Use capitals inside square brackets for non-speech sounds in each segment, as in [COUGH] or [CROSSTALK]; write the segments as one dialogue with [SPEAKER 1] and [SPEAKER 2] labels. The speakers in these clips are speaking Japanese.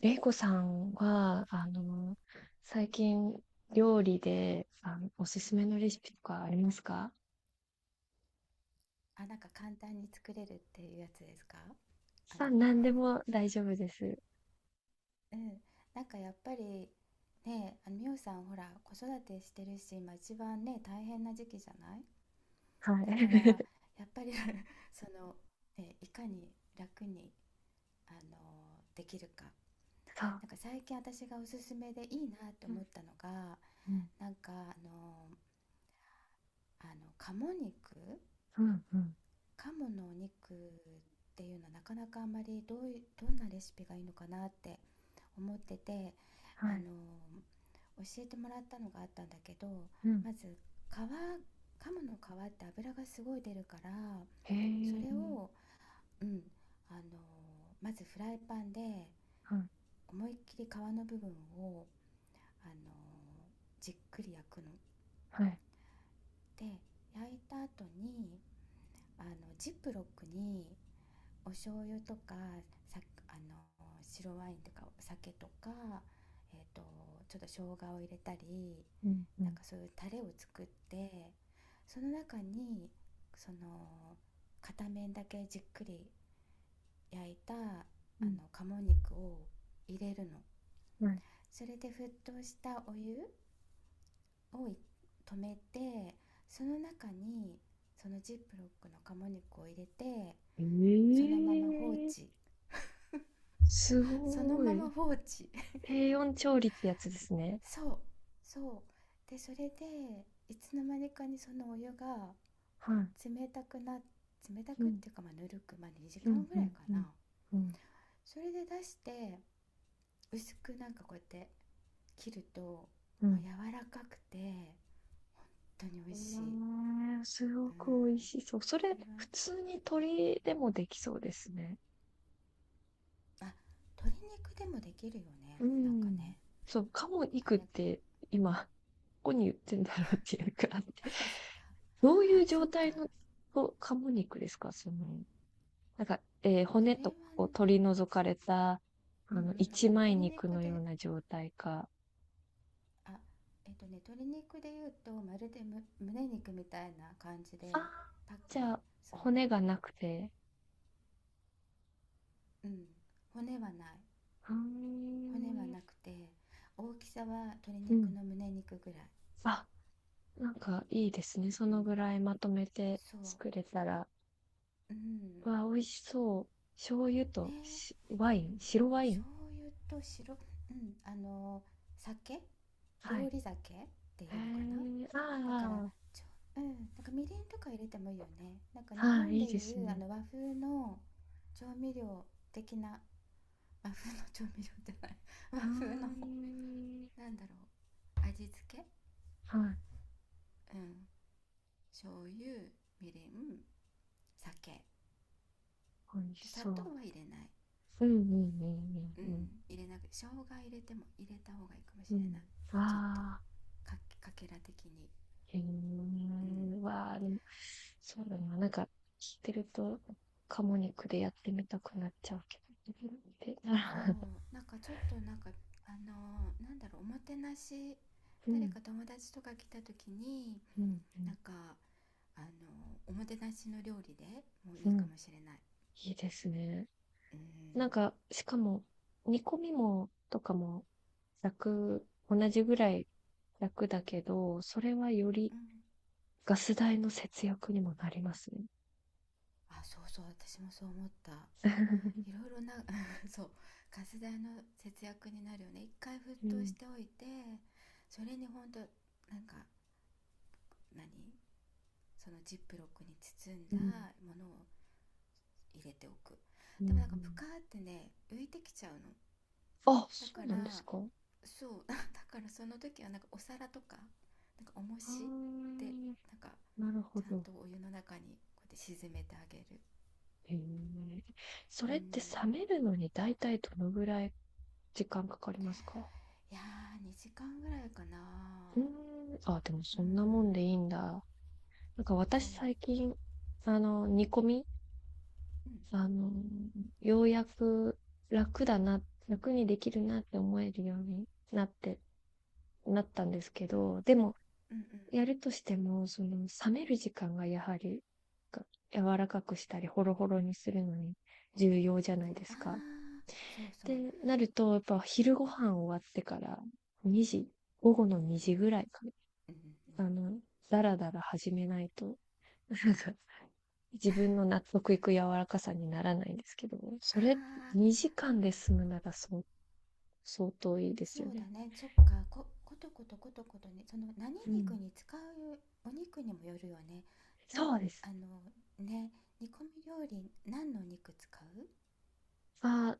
[SPEAKER 1] れいこさんは、最近料理で、おすすめのレシピとかありますか？
[SPEAKER 2] あ、なんか簡単に作れるっていうやつですか？あの
[SPEAKER 1] さあ、何でも大丈夫です。
[SPEAKER 2] うん、なんかやっぱり、ね、美さんほら、子育てしてるし、今一番ね、大変な時期じゃない？
[SPEAKER 1] は
[SPEAKER 2] だ
[SPEAKER 1] い。
[SPEAKER 2] から
[SPEAKER 1] [LAUGHS]
[SPEAKER 2] やっぱり、 [LAUGHS] その、ね、いかに楽に、できるか。
[SPEAKER 1] そう。
[SPEAKER 2] なんか最近私がおすすめでいいなと
[SPEAKER 1] うん
[SPEAKER 2] 思ったのが、
[SPEAKER 1] うん。
[SPEAKER 2] なんかあの鴨肉？
[SPEAKER 1] うんうん。
[SPEAKER 2] 鴨のお肉っていうのはなかなかあんまりどういどんなレシピがいいのかなって思ってて、
[SPEAKER 1] は
[SPEAKER 2] あの
[SPEAKER 1] い。
[SPEAKER 2] 教えてもらったのがあったんだけど、
[SPEAKER 1] うん。
[SPEAKER 2] まず皮、鴨の皮って油がすごい出るから、
[SPEAKER 1] へ
[SPEAKER 2] それ
[SPEAKER 1] え。
[SPEAKER 2] を、うん、あのまずフライパンで
[SPEAKER 1] はい。
[SPEAKER 2] 思いっきり皮の部分をあのじっくり焼くの。
[SPEAKER 1] はい。
[SPEAKER 2] で、焼いた後にあのジップロックにお醤油とか、さあの白ワインとかお酒とか、えー、とちょっと生姜を入れたり、
[SPEAKER 1] うんう
[SPEAKER 2] なん
[SPEAKER 1] ん。
[SPEAKER 2] かそういうタレを作って、その中に、その、片面だけじっくり焼いた
[SPEAKER 1] うん。
[SPEAKER 2] の鴨肉を入れるの。
[SPEAKER 1] はい。
[SPEAKER 2] それで沸騰したお湯を止めて、その中にそのジップロックの鴨肉を入れて、そのまま放
[SPEAKER 1] ええ。
[SPEAKER 2] 置。
[SPEAKER 1] す
[SPEAKER 2] その
[SPEAKER 1] ご
[SPEAKER 2] ま
[SPEAKER 1] い。
[SPEAKER 2] ま放置。
[SPEAKER 1] 低温調理ってやつですね。
[SPEAKER 2] そう。そで、それでいつの間にかにそのお湯が
[SPEAKER 1] はい。
[SPEAKER 2] 冷たくな、冷た
[SPEAKER 1] う
[SPEAKER 2] くっ
[SPEAKER 1] ん。
[SPEAKER 2] ていうか、まあぬるく、まあ2
[SPEAKER 1] う
[SPEAKER 2] 時間
[SPEAKER 1] ん
[SPEAKER 2] ぐ
[SPEAKER 1] う
[SPEAKER 2] らい
[SPEAKER 1] ん
[SPEAKER 2] か
[SPEAKER 1] うん。
[SPEAKER 2] な。
[SPEAKER 1] うん
[SPEAKER 2] それで出して、薄くなんかこうやって切ると、も
[SPEAKER 1] う
[SPEAKER 2] う
[SPEAKER 1] ん。
[SPEAKER 2] 柔らかくて本当に美
[SPEAKER 1] う
[SPEAKER 2] 味しい。
[SPEAKER 1] ーん、すご
[SPEAKER 2] う
[SPEAKER 1] く
[SPEAKER 2] ん。
[SPEAKER 1] 美味しそう。そ
[SPEAKER 2] こ
[SPEAKER 1] れ、
[SPEAKER 2] れは、
[SPEAKER 1] 普通に鶏でもできそうですね。
[SPEAKER 2] あ、鶏肉でもできるよ
[SPEAKER 1] う
[SPEAKER 2] ね、なんか
[SPEAKER 1] ん。
[SPEAKER 2] ね。
[SPEAKER 1] そう、鴨
[SPEAKER 2] あ
[SPEAKER 1] 肉っ
[SPEAKER 2] れ、
[SPEAKER 1] て今、どこに売ってんだろうっていうか、あって。どうい
[SPEAKER 2] あ
[SPEAKER 1] う
[SPEAKER 2] そ
[SPEAKER 1] 状
[SPEAKER 2] っか。
[SPEAKER 1] 態のと鴨肉ですかその、なんか、
[SPEAKER 2] そ
[SPEAKER 1] 骨
[SPEAKER 2] れ
[SPEAKER 1] と
[SPEAKER 2] は
[SPEAKER 1] かを
[SPEAKER 2] ね、
[SPEAKER 1] 取り除かれた、あ
[SPEAKER 2] うんう
[SPEAKER 1] の、
[SPEAKER 2] ん、なん
[SPEAKER 1] 一
[SPEAKER 2] かね、
[SPEAKER 1] 枚
[SPEAKER 2] 鶏
[SPEAKER 1] 肉
[SPEAKER 2] 肉
[SPEAKER 1] のよう
[SPEAKER 2] で、
[SPEAKER 1] な状態か。
[SPEAKER 2] あ、えっとね、鶏肉で言うと、まるで胸肉みたいな感じ
[SPEAKER 1] あ
[SPEAKER 2] で、
[SPEAKER 1] あ、
[SPEAKER 2] パック
[SPEAKER 1] じゃ
[SPEAKER 2] に、
[SPEAKER 1] あ、
[SPEAKER 2] そう、
[SPEAKER 1] 骨がなくて。
[SPEAKER 2] うん、骨はない。
[SPEAKER 1] う
[SPEAKER 2] 骨は
[SPEAKER 1] ーん。
[SPEAKER 2] なくて、大きさは鶏
[SPEAKER 1] う
[SPEAKER 2] 肉
[SPEAKER 1] ん。
[SPEAKER 2] の胸肉ぐらい。
[SPEAKER 1] あ、なんかいいですね。そ
[SPEAKER 2] う
[SPEAKER 1] の
[SPEAKER 2] ん、
[SPEAKER 1] ぐらいまとめて
[SPEAKER 2] そ
[SPEAKER 1] 作れたら。
[SPEAKER 2] う、うん、
[SPEAKER 1] わあ、美味しそう。醤油とし
[SPEAKER 2] ね、
[SPEAKER 1] ワイン、白ワイン。
[SPEAKER 2] 醤油と白、うん、酒、
[SPEAKER 1] はい。
[SPEAKER 2] 料理酒で
[SPEAKER 1] へ
[SPEAKER 2] いいのかな。
[SPEAKER 1] え、
[SPEAKER 2] だから、
[SPEAKER 1] あ
[SPEAKER 2] ちうん、なんかみりんとか入れてもいいよね。なんか日
[SPEAKER 1] あ、は
[SPEAKER 2] 本
[SPEAKER 1] い、い
[SPEAKER 2] で
[SPEAKER 1] い
[SPEAKER 2] い
[SPEAKER 1] です
[SPEAKER 2] う、あ
[SPEAKER 1] ね。
[SPEAKER 2] の和風の調味料的な。和風の調味料じゃない [LAUGHS] 和
[SPEAKER 1] うー
[SPEAKER 2] 風の、
[SPEAKER 1] ん。
[SPEAKER 2] なんだろう、味付け。
[SPEAKER 1] はい、
[SPEAKER 2] うん。醤油、みりん、酒
[SPEAKER 1] 美味し
[SPEAKER 2] で、砂
[SPEAKER 1] そ
[SPEAKER 2] 糖
[SPEAKER 1] う。
[SPEAKER 2] は入れない。
[SPEAKER 1] うんうんう
[SPEAKER 2] う
[SPEAKER 1] ん。う
[SPEAKER 2] ん、
[SPEAKER 1] ん
[SPEAKER 2] 入れなく、生姜入れても、入れた方がいいかも
[SPEAKER 1] うん。う
[SPEAKER 2] しれな
[SPEAKER 1] ん。
[SPEAKER 2] い。
[SPEAKER 1] わ
[SPEAKER 2] ちょっと
[SPEAKER 1] あ、
[SPEAKER 2] かけら的に。
[SPEAKER 1] へ
[SPEAKER 2] うん、
[SPEAKER 1] え、わあ、でもそうだな。なんか聞いてると、鴨肉でやってみたくなっちゃうけど。[LAUGHS] で、
[SPEAKER 2] そう、
[SPEAKER 1] な。
[SPEAKER 2] なんかちょっとなんかなんだろう、おもてなし、
[SPEAKER 1] [LAUGHS] う
[SPEAKER 2] 誰
[SPEAKER 1] ん、
[SPEAKER 2] か友達とか来た時に、
[SPEAKER 1] うん、う
[SPEAKER 2] な
[SPEAKER 1] ん。
[SPEAKER 2] んかおもてなしの料理でもいい
[SPEAKER 1] う
[SPEAKER 2] か
[SPEAKER 1] ん。
[SPEAKER 2] もしれない。
[SPEAKER 1] いいですね。
[SPEAKER 2] うん
[SPEAKER 1] なんか、しかも、煮込みも、とかも、楽、同じぐらい楽だけど、それはより
[SPEAKER 2] うん。
[SPEAKER 1] ガス代の節約にもなりますね。
[SPEAKER 2] あ、そうそう、私もそう思った。い
[SPEAKER 1] [LAUGHS]
[SPEAKER 2] ろいろな [LAUGHS] そう、ガス代の節約になるよね、一回沸
[SPEAKER 1] う
[SPEAKER 2] 騰し
[SPEAKER 1] ん、
[SPEAKER 2] ておいて。それに本当、なんか何そのジップロックに包ん
[SPEAKER 1] う
[SPEAKER 2] だ
[SPEAKER 1] ん、
[SPEAKER 2] ものを入れておく。
[SPEAKER 1] うん、う
[SPEAKER 2] でも
[SPEAKER 1] ん。
[SPEAKER 2] なんかプカーってね、浮いてきちゃうの。
[SPEAKER 1] あ、
[SPEAKER 2] だ
[SPEAKER 1] そ
[SPEAKER 2] か
[SPEAKER 1] うなんです
[SPEAKER 2] ら、
[SPEAKER 1] か。
[SPEAKER 2] そう。 [LAUGHS] だからその時はなんかお皿とか、なんか重
[SPEAKER 1] あ
[SPEAKER 2] しで、
[SPEAKER 1] ー、
[SPEAKER 2] なんか
[SPEAKER 1] なるほ
[SPEAKER 2] ちゃん
[SPEAKER 1] ど。
[SPEAKER 2] とお湯の中にこうやって沈めてあげる。
[SPEAKER 1] へえ。そ
[SPEAKER 2] う
[SPEAKER 1] れって
[SPEAKER 2] ん、
[SPEAKER 1] 冷めるのに大体どのぐらい時間かかりますか？
[SPEAKER 2] いやー、2時間ぐらいかな。
[SPEAKER 1] うーん。あ、でも
[SPEAKER 2] う
[SPEAKER 1] そんなもんでいい
[SPEAKER 2] ん、
[SPEAKER 1] んだ。なんか
[SPEAKER 2] そう。
[SPEAKER 1] 私最近、
[SPEAKER 2] うんうん
[SPEAKER 1] 煮込み、
[SPEAKER 2] うん
[SPEAKER 1] あの、ようやく楽だな、楽にできるなって思えるようになって、なったんですけど、でも、
[SPEAKER 2] うんうん。
[SPEAKER 1] やるとしても、その、冷める時間がやはり、が柔らかくしたり、ホロホロにするのに重要じゃないで
[SPEAKER 2] ああ
[SPEAKER 1] すか。
[SPEAKER 2] ー、そうそう。
[SPEAKER 1] で、なると、やっぱ昼ご飯終わってから2時、午後の2時ぐらいか
[SPEAKER 2] うんうんうん。
[SPEAKER 1] な、だらだら始めないと、なんか、自分の納得いく柔らかさにならないんですけど、
[SPEAKER 2] あ
[SPEAKER 1] それ
[SPEAKER 2] あー、
[SPEAKER 1] 2時間で済むならそう、相当いいですよ
[SPEAKER 2] そう
[SPEAKER 1] ね。
[SPEAKER 2] だね。そっか。こことことことことね、その、何
[SPEAKER 1] う
[SPEAKER 2] 肉
[SPEAKER 1] ん。
[SPEAKER 2] に使う、お肉にもよるよね。なん
[SPEAKER 1] そうです。
[SPEAKER 2] あのね、煮込み料理、何の肉使う。
[SPEAKER 1] あ、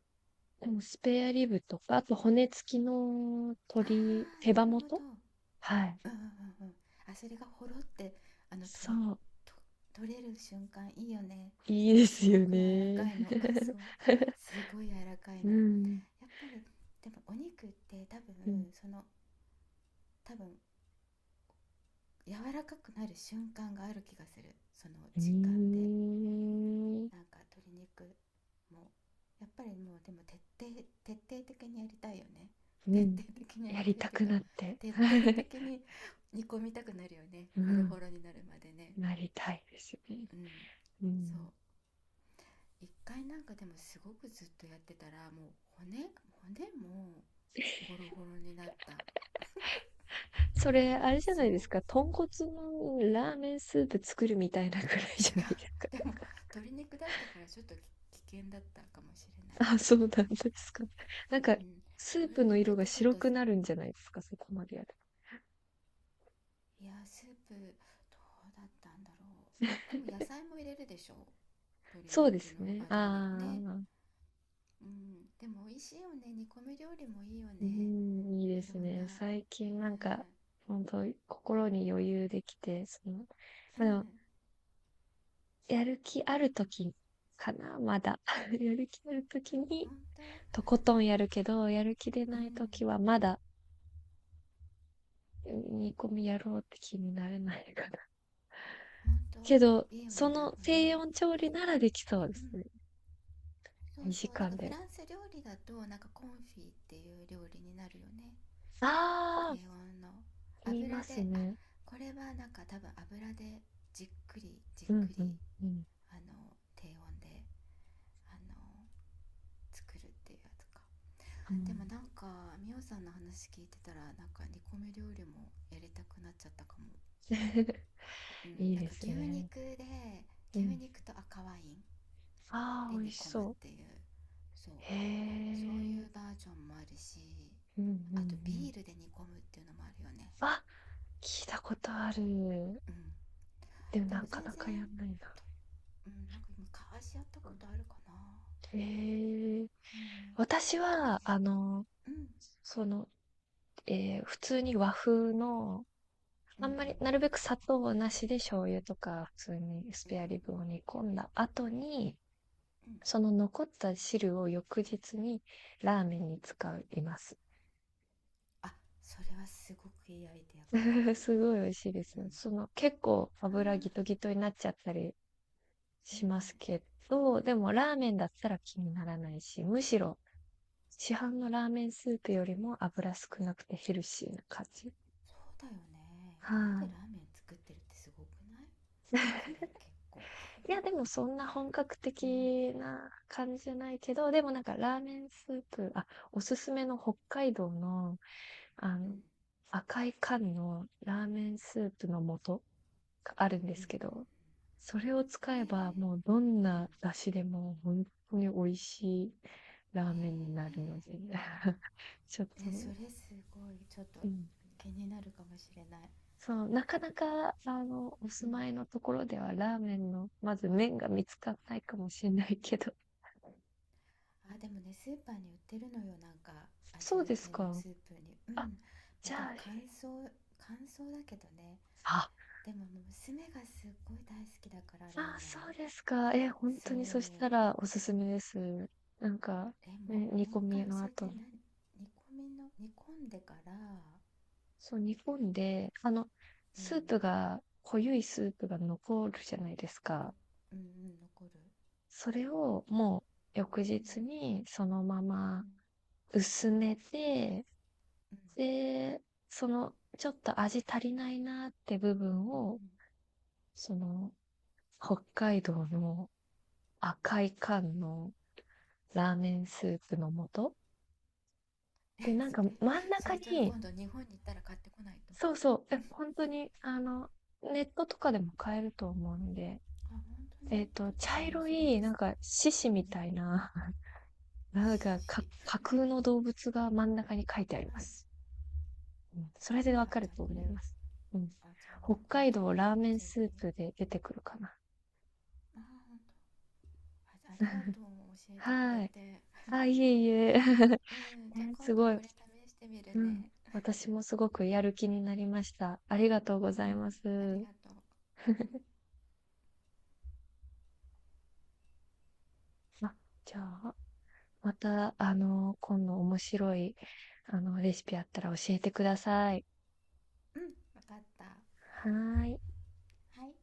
[SPEAKER 1] でもスペアリブとか、あと骨付きの
[SPEAKER 2] あ
[SPEAKER 1] 鶏、
[SPEAKER 2] あー、
[SPEAKER 1] 手
[SPEAKER 2] な
[SPEAKER 1] 羽
[SPEAKER 2] るほ
[SPEAKER 1] 元。
[SPEAKER 2] ど。
[SPEAKER 1] はい。
[SPEAKER 2] うんうんうんうん。あ、それがほろって、と
[SPEAKER 1] そ
[SPEAKER 2] ろ
[SPEAKER 1] う。
[SPEAKER 2] と取れる瞬間いいよね。
[SPEAKER 1] いい
[SPEAKER 2] で
[SPEAKER 1] で
[SPEAKER 2] す
[SPEAKER 1] すよ
[SPEAKER 2] ごく柔ら
[SPEAKER 1] ね。
[SPEAKER 2] かいの。 [LAUGHS] そう、
[SPEAKER 1] [LAUGHS]
[SPEAKER 2] すごい柔らかい
[SPEAKER 1] う
[SPEAKER 2] の。
[SPEAKER 1] ん。
[SPEAKER 2] やっぱり。でもお肉って多
[SPEAKER 1] うん。
[SPEAKER 2] 分、その多分柔らかくなる瞬間がある気がする、その
[SPEAKER 1] う
[SPEAKER 2] 時間
[SPEAKER 1] ー
[SPEAKER 2] で。
[SPEAKER 1] ん。
[SPEAKER 2] なんか鶏肉もやっぱり。もうでも徹底、徹底的にやりたいよね。
[SPEAKER 1] う
[SPEAKER 2] 徹
[SPEAKER 1] ん。
[SPEAKER 2] 底的にや
[SPEAKER 1] や
[SPEAKER 2] り
[SPEAKER 1] り
[SPEAKER 2] たいっ
[SPEAKER 1] た
[SPEAKER 2] ていう
[SPEAKER 1] く
[SPEAKER 2] か、
[SPEAKER 1] なって。
[SPEAKER 2] 徹底
[SPEAKER 1] [LAUGHS]
[SPEAKER 2] 的に煮込みたくなるよね、
[SPEAKER 1] う
[SPEAKER 2] ホロ
[SPEAKER 1] ん。
[SPEAKER 2] ホ
[SPEAKER 1] [LAUGHS]
[SPEAKER 2] ロになるまでね。
[SPEAKER 1] なりたいですよね。
[SPEAKER 2] うん、
[SPEAKER 1] う
[SPEAKER 2] そう。
[SPEAKER 1] ん。
[SPEAKER 2] 一回なんかでもすごくずっとやってたら、もう骨、骨もホロホロになった。
[SPEAKER 1] それ、あれじゃな
[SPEAKER 2] そ
[SPEAKER 1] い
[SPEAKER 2] う。
[SPEAKER 1] ですか、豚骨のラーメンスープ作るみたいなぐ
[SPEAKER 2] 違う。
[SPEAKER 1] らいじゃないですか。
[SPEAKER 2] [LAUGHS] でも
[SPEAKER 1] [LAUGHS]
[SPEAKER 2] 鶏肉だったからちょっと危険だったかもしれない、
[SPEAKER 1] あ、そうなんですか。なんか、
[SPEAKER 2] うん、
[SPEAKER 1] スー
[SPEAKER 2] 鶏
[SPEAKER 1] プの
[SPEAKER 2] 肉
[SPEAKER 1] 色
[SPEAKER 2] っ
[SPEAKER 1] が
[SPEAKER 2] てちょっ
[SPEAKER 1] 白
[SPEAKER 2] と、い
[SPEAKER 1] くなるんじゃないですか、そこまでやる。
[SPEAKER 2] や、スープどうだったんだろう。でも野菜も入れるでしょ、鶏
[SPEAKER 1] そうで
[SPEAKER 2] 肉
[SPEAKER 1] す
[SPEAKER 2] の、
[SPEAKER 1] ね。
[SPEAKER 2] あ、鶏肉
[SPEAKER 1] あ
[SPEAKER 2] ね。
[SPEAKER 1] あ、
[SPEAKER 2] うん、でも美味しいよね、煮込み料理もいいよ
[SPEAKER 1] う
[SPEAKER 2] ね、
[SPEAKER 1] ん、いいで
[SPEAKER 2] いろ
[SPEAKER 1] す
[SPEAKER 2] ん
[SPEAKER 1] ね。
[SPEAKER 2] な。
[SPEAKER 1] 最近
[SPEAKER 2] うん
[SPEAKER 1] な
[SPEAKER 2] う
[SPEAKER 1] んか、本当心に余裕できて、その、ま
[SPEAKER 2] ん。
[SPEAKER 1] あ、でも、やる気ある時かな、まだ。[LAUGHS] やる気ある時に、
[SPEAKER 2] 本当。
[SPEAKER 1] とことんやるけど、やる気で
[SPEAKER 2] うん、
[SPEAKER 1] ない時はまだ煮込みやろうって気になれないかな。[LAUGHS]
[SPEAKER 2] 本
[SPEAKER 1] け
[SPEAKER 2] 当
[SPEAKER 1] ど、
[SPEAKER 2] いいよ
[SPEAKER 1] そ
[SPEAKER 2] ね、なん
[SPEAKER 1] の
[SPEAKER 2] か
[SPEAKER 1] 低
[SPEAKER 2] ね。
[SPEAKER 1] 温調理ならできそうで
[SPEAKER 2] う
[SPEAKER 1] す
[SPEAKER 2] ん、
[SPEAKER 1] ね。
[SPEAKER 2] そう
[SPEAKER 1] 2
[SPEAKER 2] そう、
[SPEAKER 1] 時
[SPEAKER 2] なん
[SPEAKER 1] 間
[SPEAKER 2] かフ
[SPEAKER 1] で。
[SPEAKER 2] ランス料理だと、なんかコンフィっていう料理になるよね。
[SPEAKER 1] あ
[SPEAKER 2] 低
[SPEAKER 1] あ、
[SPEAKER 2] 温の
[SPEAKER 1] 言いま
[SPEAKER 2] 油
[SPEAKER 1] す
[SPEAKER 2] で、あ、
[SPEAKER 1] ね。
[SPEAKER 2] これはなんか多分油でじっくりじっ
[SPEAKER 1] うん
[SPEAKER 2] く
[SPEAKER 1] う
[SPEAKER 2] り、
[SPEAKER 1] んうん。
[SPEAKER 2] あの低温であの作るっていうやつか。
[SPEAKER 1] う
[SPEAKER 2] でも
[SPEAKER 1] ん。
[SPEAKER 2] なんか、みおさんの話聞いてたら、なんか煮込み料理もやりたくなっちゃったかも。
[SPEAKER 1] [LAUGHS]
[SPEAKER 2] う
[SPEAKER 1] い
[SPEAKER 2] ん。
[SPEAKER 1] い
[SPEAKER 2] なんか
[SPEAKER 1] で
[SPEAKER 2] 牛
[SPEAKER 1] すね。
[SPEAKER 2] 肉で、
[SPEAKER 1] う
[SPEAKER 2] 牛
[SPEAKER 1] ん。
[SPEAKER 2] 肉と赤ワイン
[SPEAKER 1] ああ、
[SPEAKER 2] で
[SPEAKER 1] 美味
[SPEAKER 2] 煮
[SPEAKER 1] し
[SPEAKER 2] 込むっ
[SPEAKER 1] そう。
[SPEAKER 2] ていう。そう、
[SPEAKER 1] へ
[SPEAKER 2] そうい
[SPEAKER 1] え。
[SPEAKER 2] うバージョンもあるし、
[SPEAKER 1] うんうんう
[SPEAKER 2] あと
[SPEAKER 1] ん。
[SPEAKER 2] ビールで煮込むっていうのもあるよね。
[SPEAKER 1] あ、聞いたことある。
[SPEAKER 2] うん。
[SPEAKER 1] でも
[SPEAKER 2] で
[SPEAKER 1] な
[SPEAKER 2] も
[SPEAKER 1] か
[SPEAKER 2] 全
[SPEAKER 1] な
[SPEAKER 2] 然、
[SPEAKER 1] かやんないな。
[SPEAKER 2] うん、なんか昔やったことあるかな。
[SPEAKER 1] へえ。
[SPEAKER 2] うん、
[SPEAKER 1] 私は、
[SPEAKER 2] そう、うん
[SPEAKER 1] その、ええ、普通に和風の
[SPEAKER 2] うん
[SPEAKER 1] あ
[SPEAKER 2] うん
[SPEAKER 1] んまり、なるべく砂糖なしで醤油とか普通にス
[SPEAKER 2] うんうん
[SPEAKER 1] ペ
[SPEAKER 2] う
[SPEAKER 1] アリブを煮込んだ後に、
[SPEAKER 2] んうん。
[SPEAKER 1] その残った汁を翌日にラーメンに使います。
[SPEAKER 2] あ、それはすごくいいアイデアかも。
[SPEAKER 1] [LAUGHS] すごい美味しいです
[SPEAKER 2] うん。
[SPEAKER 1] よ。その結構
[SPEAKER 2] あ
[SPEAKER 1] 油ギ
[SPEAKER 2] ー、
[SPEAKER 1] トギトになっちゃったり
[SPEAKER 2] うんう
[SPEAKER 1] しま
[SPEAKER 2] ん。
[SPEAKER 1] すけど、でもラーメンだったら気にならないし、むしろ市販のラーメンスープよりも油少なくてヘルシーな感じ。
[SPEAKER 2] そうだよね、
[SPEAKER 1] は
[SPEAKER 2] 家で
[SPEAKER 1] い、
[SPEAKER 2] ラーメン作ってるってすごくない？それ結構。
[SPEAKER 1] いや、でもそんな本格
[SPEAKER 2] うんうん
[SPEAKER 1] 的な感じじゃないけど、でもなんかラーメンスープ、あ、おすすめの北海道の、あ
[SPEAKER 2] うん
[SPEAKER 1] の、赤い缶のラーメンスープの素があるんで
[SPEAKER 2] うん
[SPEAKER 1] すけ
[SPEAKER 2] うん。
[SPEAKER 1] ど、それを使えばもう
[SPEAKER 2] え
[SPEAKER 1] どん
[SPEAKER 2] ー、うん。
[SPEAKER 1] な出汁でも本当に美味しいラーメンにな
[SPEAKER 2] え
[SPEAKER 1] るので、[LAUGHS] ちょっ
[SPEAKER 2] ー、え
[SPEAKER 1] と、
[SPEAKER 2] それすごい、ちょっと
[SPEAKER 1] うん。
[SPEAKER 2] 気になるかもしれない。
[SPEAKER 1] そう、なかなか、あの、お
[SPEAKER 2] う
[SPEAKER 1] 住
[SPEAKER 2] ん。
[SPEAKER 1] まいのところではラーメンの、まず麺が見つからないかもしれないけど、
[SPEAKER 2] あ、でもね、スーパーに売ってるのよ、なんかアジ
[SPEAKER 1] そ
[SPEAKER 2] ア
[SPEAKER 1] うです
[SPEAKER 2] 系の
[SPEAKER 1] か。
[SPEAKER 2] スープに。う
[SPEAKER 1] あ、
[SPEAKER 2] ん。ま
[SPEAKER 1] じ
[SPEAKER 2] あ
[SPEAKER 1] ゃ
[SPEAKER 2] でも
[SPEAKER 1] あ
[SPEAKER 2] 乾燥、乾燥だけどね。
[SPEAKER 1] あ。
[SPEAKER 2] でももう娘がすっごい大好きだから、ラー
[SPEAKER 1] あ
[SPEAKER 2] メ
[SPEAKER 1] そ
[SPEAKER 2] ン。
[SPEAKER 1] うですか。え、ほん
[SPEAKER 2] そ
[SPEAKER 1] とにそした
[SPEAKER 2] う。
[SPEAKER 1] らおすすめです。なんか、
[SPEAKER 2] え、
[SPEAKER 1] ね、煮
[SPEAKER 2] もう
[SPEAKER 1] 込
[SPEAKER 2] 一回
[SPEAKER 1] みの
[SPEAKER 2] 教え
[SPEAKER 1] 後
[SPEAKER 2] て、
[SPEAKER 1] に。
[SPEAKER 2] 何。煮込みの、煮込んでから。う
[SPEAKER 1] そう、煮込んで、あの、スープ
[SPEAKER 2] ん、
[SPEAKER 1] が、濃ゆいスープが残るじゃないです
[SPEAKER 2] の、
[SPEAKER 1] か。
[SPEAKER 2] うんうん、残る。
[SPEAKER 1] それをもう翌
[SPEAKER 2] う
[SPEAKER 1] 日
[SPEAKER 2] ん
[SPEAKER 1] にそのまま
[SPEAKER 2] うん
[SPEAKER 1] 薄めて、
[SPEAKER 2] うん
[SPEAKER 1] で、そのちょっと味足りないなって部分
[SPEAKER 2] うん
[SPEAKER 1] を、
[SPEAKER 2] うん。
[SPEAKER 1] その北海道の赤い缶のラーメンスープの素。
[SPEAKER 2] うん。え、
[SPEAKER 1] で、な
[SPEAKER 2] [LAUGHS]
[SPEAKER 1] ん
[SPEAKER 2] そ
[SPEAKER 1] か
[SPEAKER 2] れ、
[SPEAKER 1] 真ん
[SPEAKER 2] そ
[SPEAKER 1] 中
[SPEAKER 2] れじゃあ
[SPEAKER 1] に、
[SPEAKER 2] 今度日本に行ったら買ってこないと。
[SPEAKER 1] そうそう、え、本当に、あの、ネットとかでも買えると思うんで、
[SPEAKER 2] あ、本当
[SPEAKER 1] えっ
[SPEAKER 2] に、
[SPEAKER 1] と、
[SPEAKER 2] ちょっと
[SPEAKER 1] 茶
[SPEAKER 2] じゃあもう
[SPEAKER 1] 色
[SPEAKER 2] それ
[SPEAKER 1] い、
[SPEAKER 2] で
[SPEAKER 1] なん
[SPEAKER 2] す。
[SPEAKER 1] か、獅
[SPEAKER 2] う
[SPEAKER 1] 子
[SPEAKER 2] んう
[SPEAKER 1] み
[SPEAKER 2] ん。
[SPEAKER 1] たいな、[LAUGHS]
[SPEAKER 2] し
[SPEAKER 1] なんかか、
[SPEAKER 2] し。
[SPEAKER 1] 架空の動物が真ん中に書いてあり
[SPEAKER 2] う
[SPEAKER 1] ま
[SPEAKER 2] ん。
[SPEAKER 1] す。うん、それでわ
[SPEAKER 2] あ、
[SPEAKER 1] かる
[SPEAKER 2] じゃ
[SPEAKER 1] と
[SPEAKER 2] あこ
[SPEAKER 1] 思
[SPEAKER 2] れ、
[SPEAKER 1] います。うん。
[SPEAKER 2] あ、じゃあも
[SPEAKER 1] 北
[SPEAKER 2] うこれ
[SPEAKER 1] 海
[SPEAKER 2] ちょっ
[SPEAKER 1] 道
[SPEAKER 2] と
[SPEAKER 1] ラーメン
[SPEAKER 2] 次。
[SPEAKER 1] スープで出てくるかな。
[SPEAKER 2] あ、本当、あ、ありが
[SPEAKER 1] [LAUGHS]
[SPEAKER 2] とう、教えてくれ
[SPEAKER 1] はい。
[SPEAKER 2] て。
[SPEAKER 1] あ、いえいえ。[LAUGHS]
[SPEAKER 2] うん、じゃあ
[SPEAKER 1] ね、す
[SPEAKER 2] 今度
[SPEAKER 1] ごい。
[SPEAKER 2] これ試してみる
[SPEAKER 1] うん、
[SPEAKER 2] ね。
[SPEAKER 1] 私もすごくやる気になりました。ありがとうご
[SPEAKER 2] う
[SPEAKER 1] ざいま
[SPEAKER 2] ん、あり
[SPEAKER 1] す。
[SPEAKER 2] がとう、
[SPEAKER 1] [LAUGHS] あ、じゃあ、また、今度面白い、レシピあったら教えてください。
[SPEAKER 2] うんうん、分かった。
[SPEAKER 1] はーい。
[SPEAKER 2] はい。